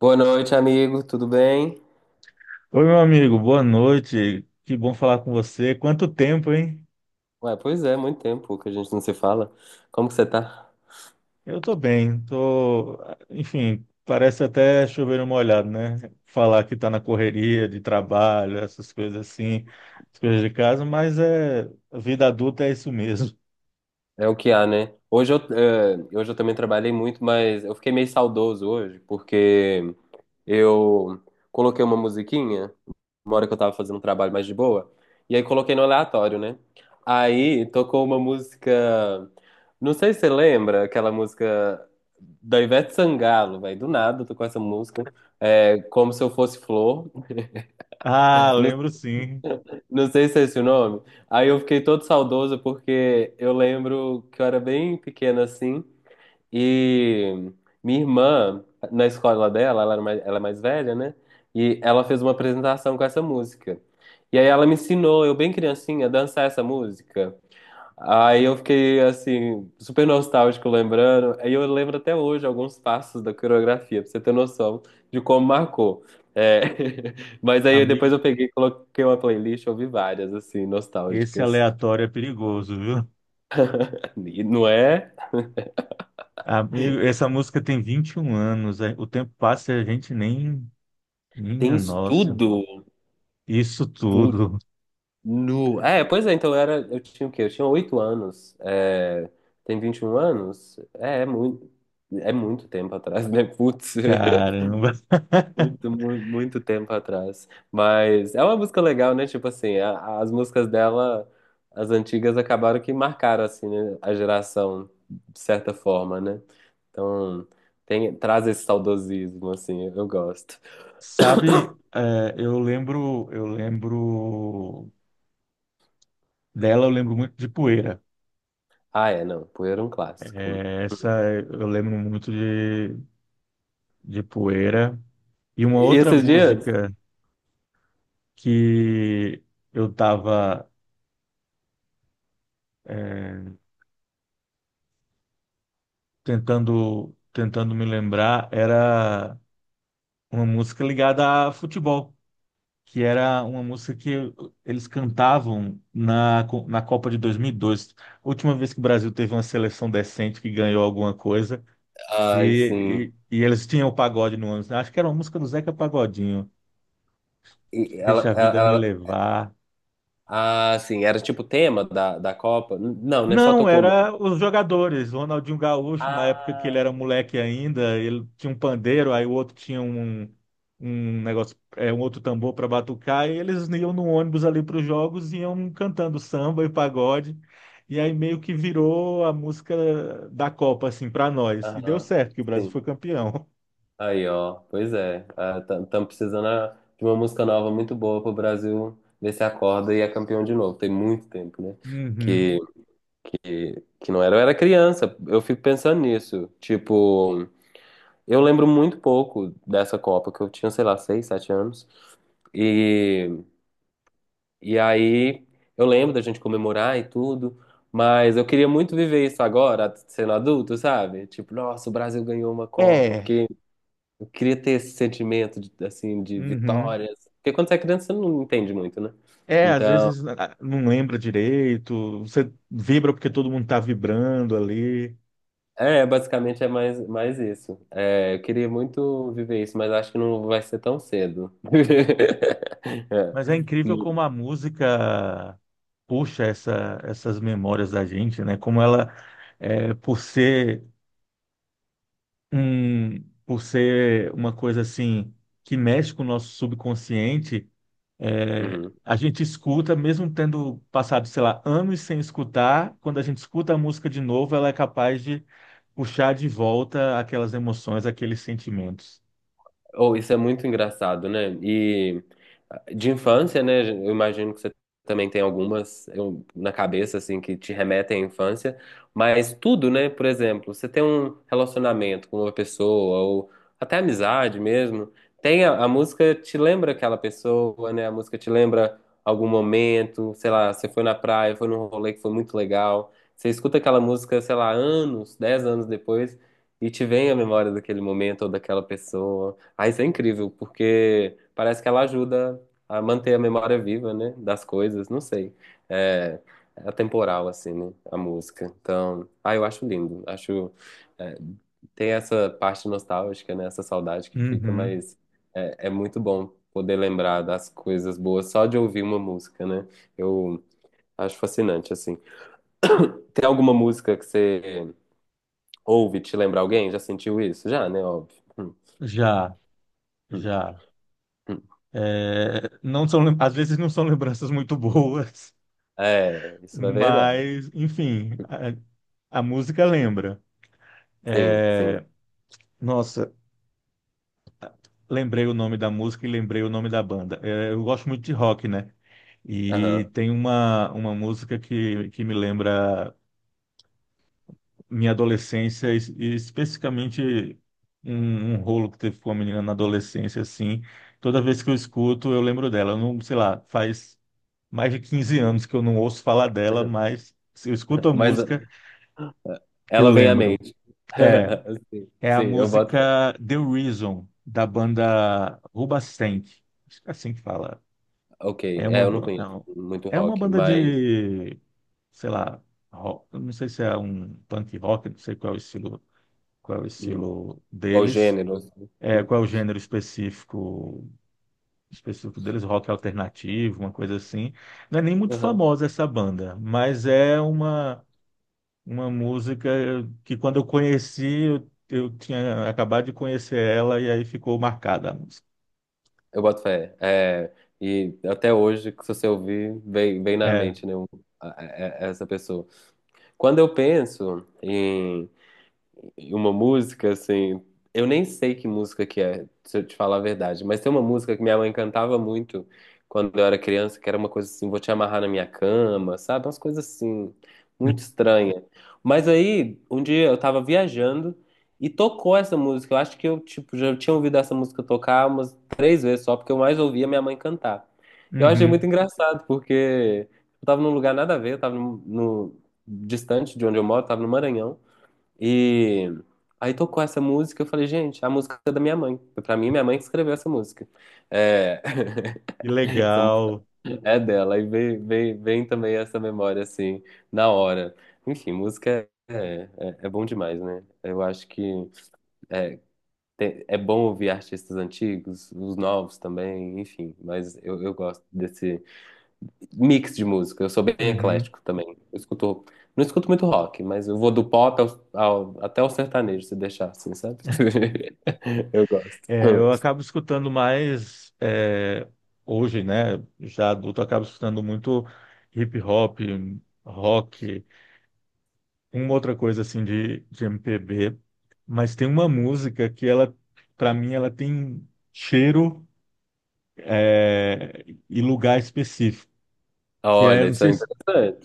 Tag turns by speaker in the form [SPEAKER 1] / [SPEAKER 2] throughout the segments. [SPEAKER 1] Boa noite, amigo. Tudo bem?
[SPEAKER 2] Oi, meu amigo, boa noite. Que bom falar com você. Quanto tempo, hein?
[SPEAKER 1] Ué, pois é, muito tempo que a gente não se fala. Como que você tá?
[SPEAKER 2] Eu tô bem, tô, enfim, parece até chover no molhado, né? Falar que tá na correria de trabalho, essas coisas assim, as coisas de casa, mas é a vida adulta é isso mesmo.
[SPEAKER 1] É o que há, né? Hoje eu também trabalhei muito, mas eu fiquei meio saudoso hoje, porque eu coloquei uma musiquinha, uma hora que eu tava fazendo um trabalho mais de boa, e aí coloquei no aleatório, né? Aí tocou uma música. Não sei se você lembra aquela música da Ivete Sangalo, velho. Do nada, eu tô com essa música. É, como se eu fosse flor.
[SPEAKER 2] Ah, lembro sim.
[SPEAKER 1] Não sei se é esse o nome. Aí eu fiquei todo saudoso porque eu lembro que eu era bem pequena assim e minha irmã, na escola dela, ela é mais velha, né? E ela fez uma apresentação com essa música. E aí ela me ensinou, eu bem criancinha, a dançar essa música. Aí eu fiquei assim, super nostálgico lembrando. Aí eu lembro até hoje alguns passos da coreografia, pra você ter noção de como marcou. É, mas aí depois
[SPEAKER 2] Amigo,
[SPEAKER 1] eu peguei, e coloquei uma playlist, ouvi várias, assim,
[SPEAKER 2] esse
[SPEAKER 1] nostálgicas.
[SPEAKER 2] aleatório é perigoso, viu?
[SPEAKER 1] E não é?
[SPEAKER 2] Amigo, essa música tem 21 anos, o tempo passa e a gente nem,
[SPEAKER 1] Tem
[SPEAKER 2] minha nossa,
[SPEAKER 1] estudo?
[SPEAKER 2] isso
[SPEAKER 1] Putz,
[SPEAKER 2] tudo.
[SPEAKER 1] nu. É, pois é, então eu era. Eu tinha o quê? Eu tinha oito anos. É... Tem 21 anos? É, é muito. É muito tempo atrás, né? Putz.
[SPEAKER 2] Caramba.
[SPEAKER 1] Muito, muito, muito tempo atrás. Mas é uma música legal, né? Tipo assim, as músicas dela, as antigas, acabaram que marcaram, assim, né? A geração, de certa forma, né? Então, tem, traz esse saudosismo, assim, eu gosto.
[SPEAKER 2] Sabe, eu lembro dela, eu lembro muito de Poeira.
[SPEAKER 1] Ah, é, não, Poeira é um clássico.
[SPEAKER 2] É, essa eu lembro muito de Poeira. E uma
[SPEAKER 1] E
[SPEAKER 2] outra
[SPEAKER 1] esses dias?
[SPEAKER 2] música que eu tava, é, tentando me lembrar era uma música ligada a futebol, que era uma música que eles cantavam na Copa de 2002. A última vez que o Brasil teve uma seleção decente que ganhou alguma coisa.
[SPEAKER 1] Ai, sim.
[SPEAKER 2] E eles tinham o pagode no ônibus, né? Acho que era uma música do Zeca Pagodinho.
[SPEAKER 1] E ela,
[SPEAKER 2] Deixa a
[SPEAKER 1] ela,
[SPEAKER 2] vida me
[SPEAKER 1] ela-
[SPEAKER 2] levar.
[SPEAKER 1] ah, sim, era tipo tema da Copa? Não, né? Só
[SPEAKER 2] Não,
[SPEAKER 1] tocou
[SPEAKER 2] era
[SPEAKER 1] muito.
[SPEAKER 2] os jogadores. Ronaldinho Gaúcho, na época que ele
[SPEAKER 1] Ah,
[SPEAKER 2] era moleque ainda, ele tinha um pandeiro, aí o outro tinha um negócio, um outro tambor para batucar, e eles iam no ônibus ali para os jogos e iam cantando samba e pagode. E aí meio que virou a música da Copa, assim, para nós. E deu
[SPEAKER 1] aham.
[SPEAKER 2] certo, que o Brasil foi
[SPEAKER 1] Sim.
[SPEAKER 2] campeão.
[SPEAKER 1] Aí, ó, pois é. Estamos precisando de uma música nova muito boa pro Brasil ver se acorda e é campeão de novo. Tem muito tempo, né?
[SPEAKER 2] Uhum.
[SPEAKER 1] Que, que não era. Eu era criança, eu fico pensando nisso. Tipo, eu lembro muito pouco dessa Copa, que eu tinha, sei lá, seis, sete anos. E, e aí eu lembro da gente comemorar e tudo, mas eu queria muito viver isso agora, sendo adulto, sabe? Tipo, nossa, o Brasil ganhou uma Copa,
[SPEAKER 2] É.
[SPEAKER 1] porque eu queria ter esse sentimento de, assim, de
[SPEAKER 2] Uhum.
[SPEAKER 1] vitórias. Porque quando você é criança, você não entende muito, né?
[SPEAKER 2] É, às
[SPEAKER 1] Então,
[SPEAKER 2] vezes não lembra direito, você vibra porque todo mundo tá vibrando ali.
[SPEAKER 1] é, basicamente é mais isso. É, eu queria muito viver isso, mas acho que não vai ser tão cedo.
[SPEAKER 2] Mas
[SPEAKER 1] É.
[SPEAKER 2] é incrível como a música puxa essas memórias da gente, né? Como ela, por ser um, por ser uma coisa assim que mexe com o nosso subconsciente. É,
[SPEAKER 1] Uhum.
[SPEAKER 2] a gente escuta, mesmo tendo passado, sei lá, anos sem escutar, quando a gente escuta a música de novo, ela é capaz de puxar de volta aquelas emoções, aqueles sentimentos.
[SPEAKER 1] Oh, isso é muito engraçado, né? E de infância, né? Eu imagino que você também tem algumas na cabeça, assim, que te remetem à infância, mas tudo, né? Por exemplo, você tem um relacionamento com uma pessoa, ou até amizade mesmo, tem a música te lembra aquela pessoa, né? A música te lembra algum momento, sei lá, você foi na praia, foi num rolê que foi muito legal, você escuta aquela música, sei lá, anos, dez anos depois, e te vem a memória daquele momento ou daquela pessoa. Ah, isso é incrível, porque parece que ela ajuda a manter a memória viva, né? Das coisas, não sei. É, é atemporal, assim, né? A música. Então, ah, eu acho lindo. Acho. É, tem essa parte nostálgica, né? Essa saudade que fica,
[SPEAKER 2] Uhum.
[SPEAKER 1] mas é, é muito bom poder lembrar das coisas boas só de ouvir uma música, né? Eu acho fascinante, assim. Tem alguma música que você ouve e te lembra alguém? Já sentiu isso? Já, né? Óbvio.
[SPEAKER 2] Já,
[SPEAKER 1] Hum,
[SPEAKER 2] já.
[SPEAKER 1] hum.
[SPEAKER 2] É, não são, às vezes não são lembranças muito boas,
[SPEAKER 1] É, isso é verdade.
[SPEAKER 2] mas, enfim, a música lembra.
[SPEAKER 1] Sim, sim.
[SPEAKER 2] É, nossa. Lembrei o nome da música e lembrei o nome da banda. É, eu gosto muito de rock, né? E
[SPEAKER 1] Aham.
[SPEAKER 2] tem uma música que me lembra minha adolescência, e especificamente um rolo que teve com uma menina na adolescência, assim. Toda vez que eu escuto, eu lembro dela. Eu não, sei lá, faz mais de 15 anos que eu não ouço falar dela, mas se eu escuto a
[SPEAKER 1] Mas
[SPEAKER 2] música, eu
[SPEAKER 1] ela vem à
[SPEAKER 2] lembro.
[SPEAKER 1] mente.
[SPEAKER 2] É,
[SPEAKER 1] Sim,
[SPEAKER 2] é
[SPEAKER 1] sim,
[SPEAKER 2] a
[SPEAKER 1] eu boto.
[SPEAKER 2] música The Reason, da banda Rubastank. Acho que é assim que fala.
[SPEAKER 1] Ok,
[SPEAKER 2] É
[SPEAKER 1] é,
[SPEAKER 2] uma,
[SPEAKER 1] eu não conheço
[SPEAKER 2] não,
[SPEAKER 1] muito
[SPEAKER 2] é uma
[SPEAKER 1] rock,
[SPEAKER 2] banda
[SPEAKER 1] mas.
[SPEAKER 2] de, sei lá, rock. Eu não sei se é um punk rock, não sei qual é o estilo, qual é o
[SPEAKER 1] Uhum.
[SPEAKER 2] estilo
[SPEAKER 1] Qual
[SPEAKER 2] deles,
[SPEAKER 1] gênero? Assim? Uhum.
[SPEAKER 2] qual é o gênero específico deles, rock alternativo, uma coisa assim. Não é nem muito
[SPEAKER 1] Aham.
[SPEAKER 2] famosa essa banda, mas é uma música que quando eu conheci, eu tinha acabado de conhecer ela e aí ficou marcada a música.
[SPEAKER 1] Eu boto fé. É, e até hoje, que se você ouvir, vem, vem na
[SPEAKER 2] É,
[SPEAKER 1] mente, né? Essa pessoa. Quando eu penso uma música, assim. Eu nem sei que música que é, se eu te falar a verdade, mas tem uma música que minha mãe cantava muito quando eu era criança, que era uma coisa assim, vou te amarrar na minha cama, sabe? Umas coisas assim, muito estranha. Mas aí, um dia eu tava viajando e tocou essa música. Eu acho que eu, tipo, já tinha ouvido essa música tocar umas três vezes só, porque eu mais ouvia minha mãe cantar. Eu achei muito
[SPEAKER 2] uhum,
[SPEAKER 1] engraçado, porque eu tava num lugar nada a ver, eu tava no, no- distante de onde eu moro, tava no Maranhão. E aí tocou essa música, eu falei, gente, a música é da minha mãe. Pra mim, minha mãe que escreveu essa música. É,
[SPEAKER 2] que
[SPEAKER 1] essa música
[SPEAKER 2] legal.
[SPEAKER 1] é dela. E vem também essa memória, assim, na hora. Enfim, é bom demais, né? Eu acho que é, é bom ouvir artistas antigos, os novos também, enfim. Mas eu gosto desse, mix de música, eu sou bem
[SPEAKER 2] Uhum.
[SPEAKER 1] eclético também. Eu escuto, não escuto muito rock, mas eu vou do pop até o sertanejo, se deixar assim, sabe? Eu gosto.
[SPEAKER 2] É,
[SPEAKER 1] Hum.
[SPEAKER 2] eu acabo escutando mais hoje, né? Já adulto, eu acabo escutando muito hip hop, rock, uma outra coisa assim de MPB. Mas tem uma música que ela, para mim, ela tem cheiro é, e lugar específico. Que é, eu
[SPEAKER 1] Olha,
[SPEAKER 2] não
[SPEAKER 1] isso
[SPEAKER 2] sei,
[SPEAKER 1] é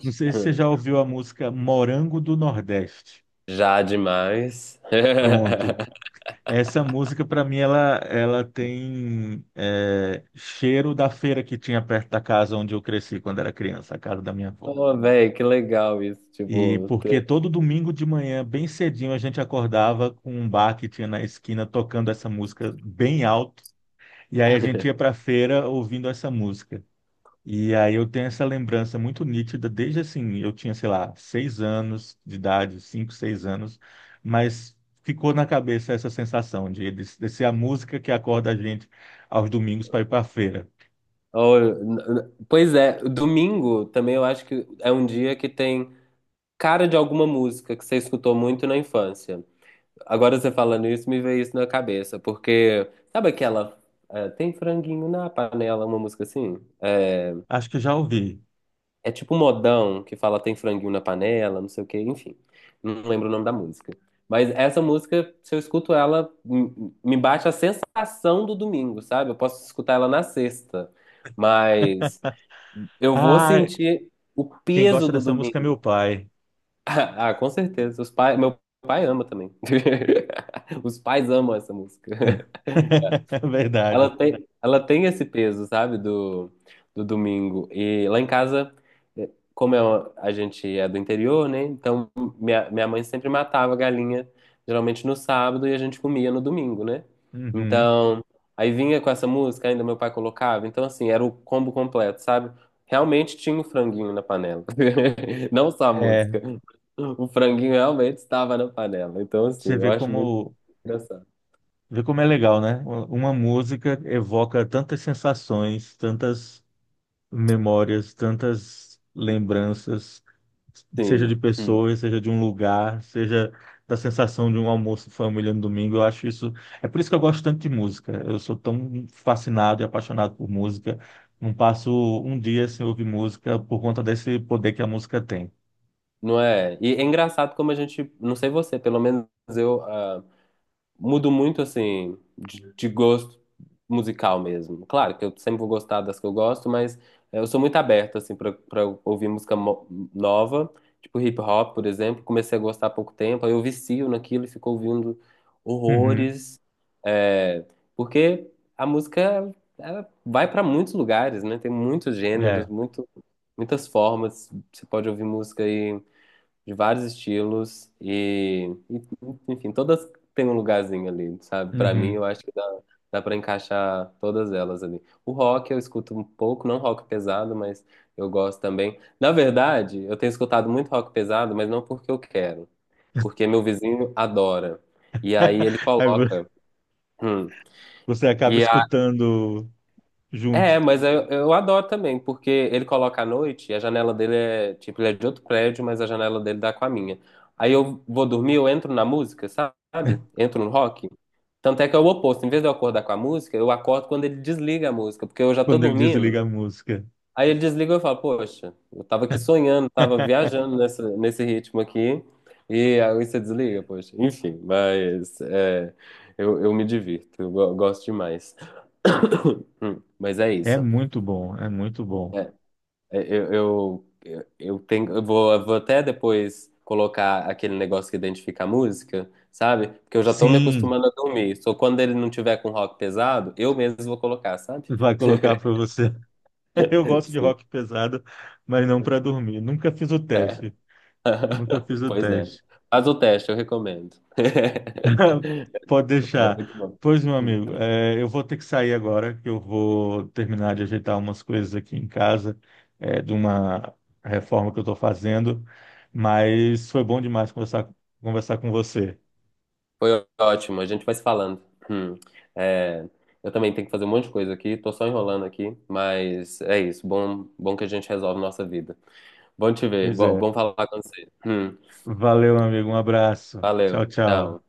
[SPEAKER 2] não sei se você
[SPEAKER 1] Hum.
[SPEAKER 2] já ouviu a música Morango do Nordeste.
[SPEAKER 1] Já demais.
[SPEAKER 2] Pronto. Essa música, para mim, ela tem cheiro da feira que tinha perto da casa onde eu cresci quando era criança, a casa da minha avó.
[SPEAKER 1] Oh, velho, que legal isso,
[SPEAKER 2] E
[SPEAKER 1] tipo,
[SPEAKER 2] porque
[SPEAKER 1] ter-
[SPEAKER 2] todo domingo de manhã, bem cedinho, a gente acordava com um bar que tinha na esquina tocando essa música bem alto. E aí a gente ia para a feira ouvindo essa música. E aí eu tenho essa lembrança muito nítida, desde assim, eu tinha, sei lá, seis anos de idade, cinco, seis anos, mas ficou na cabeça essa sensação de ser a música que acorda a gente aos domingos para ir para a feira.
[SPEAKER 1] Oh, pois é, domingo também eu acho que é um dia que tem cara de alguma música que você escutou muito na infância. Agora você falando isso, me veio isso na cabeça, porque sabe aquela é, tem franguinho na panela, uma música assim? É,
[SPEAKER 2] Acho que eu já ouvi.
[SPEAKER 1] é tipo um modão que fala tem franguinho na panela, não sei o quê, enfim. Não lembro o nome da música. Mas essa música, se eu escuto ela, me bate a sensação do domingo, sabe? Eu posso escutar ela na sexta, mas eu vou
[SPEAKER 2] Ah,
[SPEAKER 1] sentir o
[SPEAKER 2] quem
[SPEAKER 1] peso
[SPEAKER 2] gosta
[SPEAKER 1] do
[SPEAKER 2] dessa música é
[SPEAKER 1] domingo.
[SPEAKER 2] meu pai.
[SPEAKER 1] Ah, com certeza. Os pai, meu pai ama também. Os pais amam essa música.
[SPEAKER 2] É verdade.
[SPEAKER 1] Ela tem esse peso, sabe, do domingo. E lá em casa, como é a gente é do interior, né? Então minha mãe sempre matava a galinha, geralmente no sábado, e a gente comia no domingo, né?
[SPEAKER 2] Uhum.
[SPEAKER 1] Então, aí vinha com essa música, ainda meu pai colocava. Então, assim, era o combo completo, sabe? Realmente tinha o franguinho na panela. Não só a
[SPEAKER 2] É,
[SPEAKER 1] música. O franguinho realmente estava na panela. Então,
[SPEAKER 2] você
[SPEAKER 1] assim, eu
[SPEAKER 2] vê
[SPEAKER 1] acho muito
[SPEAKER 2] como,
[SPEAKER 1] engraçado.
[SPEAKER 2] vê como é legal, né? Uma música evoca tantas sensações, tantas memórias, tantas lembranças,
[SPEAKER 1] Sim.
[SPEAKER 2] seja de
[SPEAKER 1] Hum.
[SPEAKER 2] pessoas, seja de um lugar, seja da sensação de um almoço em família no domingo. Eu acho isso. É por isso que eu gosto tanto de música. Eu sou tão fascinado e apaixonado por música. Não passo um dia sem ouvir música por conta desse poder que a música tem.
[SPEAKER 1] Não é? E é engraçado como a gente, não sei você, pelo menos eu mudo muito assim de gosto musical mesmo. Claro que eu sempre vou gostar das que eu gosto, mas eu sou muito aberto assim para ouvir música nova, tipo hip hop, por exemplo. Comecei a gostar há pouco tempo, aí eu vicio naquilo e fico ouvindo
[SPEAKER 2] Uhum.
[SPEAKER 1] horrores, é, porque a música ela vai para muitos lugares, né? Tem muitos gêneros,
[SPEAKER 2] É.
[SPEAKER 1] muito, muitas formas. Você pode ouvir música aí de vários estilos enfim, todas têm um lugarzinho ali, sabe? Pra mim,
[SPEAKER 2] Uhum.
[SPEAKER 1] eu acho que dá para encaixar todas elas ali. O rock eu escuto um pouco, não rock pesado, mas eu gosto também. Na verdade, eu tenho escutado muito rock pesado, mas não porque eu quero, porque meu vizinho adora. E aí ele
[SPEAKER 2] Aí
[SPEAKER 1] coloca. hum,
[SPEAKER 2] você acaba
[SPEAKER 1] e
[SPEAKER 2] escutando
[SPEAKER 1] é,
[SPEAKER 2] junto
[SPEAKER 1] mas eu adoro também, porque ele coloca à noite e a janela dele é, tipo, ele é de outro prédio, mas a janela dele dá com a minha. Aí eu vou dormir, eu entro na música, sabe? Entro no rock. Tanto é que é o oposto, em vez de eu acordar com a música, eu acordo quando ele desliga a música, porque eu já tô
[SPEAKER 2] quando ele
[SPEAKER 1] dormindo.
[SPEAKER 2] desliga a música.
[SPEAKER 1] Aí ele desliga e eu falo, poxa, eu tava aqui sonhando, tava viajando nessa, nesse ritmo aqui, e aí você desliga, poxa. Enfim, mas é, eu me divirto, eu gosto demais. Mas é
[SPEAKER 2] É
[SPEAKER 1] isso.
[SPEAKER 2] muito bom, é muito bom.
[SPEAKER 1] É, eu, eu tenho, eu vou até depois colocar aquele negócio que identifica a música, sabe? Porque eu já tô me
[SPEAKER 2] Sim.
[SPEAKER 1] acostumando a dormir. Só quando ele não tiver com rock pesado, eu mesmo vou colocar, sabe?
[SPEAKER 2] Vai colocar para você. Eu gosto de
[SPEAKER 1] Sim.
[SPEAKER 2] rock pesado, mas não para dormir. Nunca fiz o
[SPEAKER 1] É.
[SPEAKER 2] teste. Nunca fiz o
[SPEAKER 1] Pois é.
[SPEAKER 2] teste.
[SPEAKER 1] Faz o teste, eu recomendo.
[SPEAKER 2] Pode
[SPEAKER 1] É muito
[SPEAKER 2] deixar.
[SPEAKER 1] bom.
[SPEAKER 2] Pois, meu amigo, eu vou ter que sair agora, que eu vou terminar de ajeitar umas coisas aqui em casa, de uma reforma que eu estou fazendo. Mas foi bom demais conversar, com você.
[SPEAKER 1] Foi ótimo, a gente vai se falando. Hum. É, eu também tenho que fazer um monte de coisa aqui, tô só enrolando aqui, mas é isso. Bom, bom que a gente resolve nossa vida. Bom te ver.
[SPEAKER 2] Pois
[SPEAKER 1] Bom,
[SPEAKER 2] é.
[SPEAKER 1] bom falar com você.
[SPEAKER 2] Valeu, amigo. Um abraço. Tchau,
[SPEAKER 1] Valeu. Tchau.
[SPEAKER 2] tchau.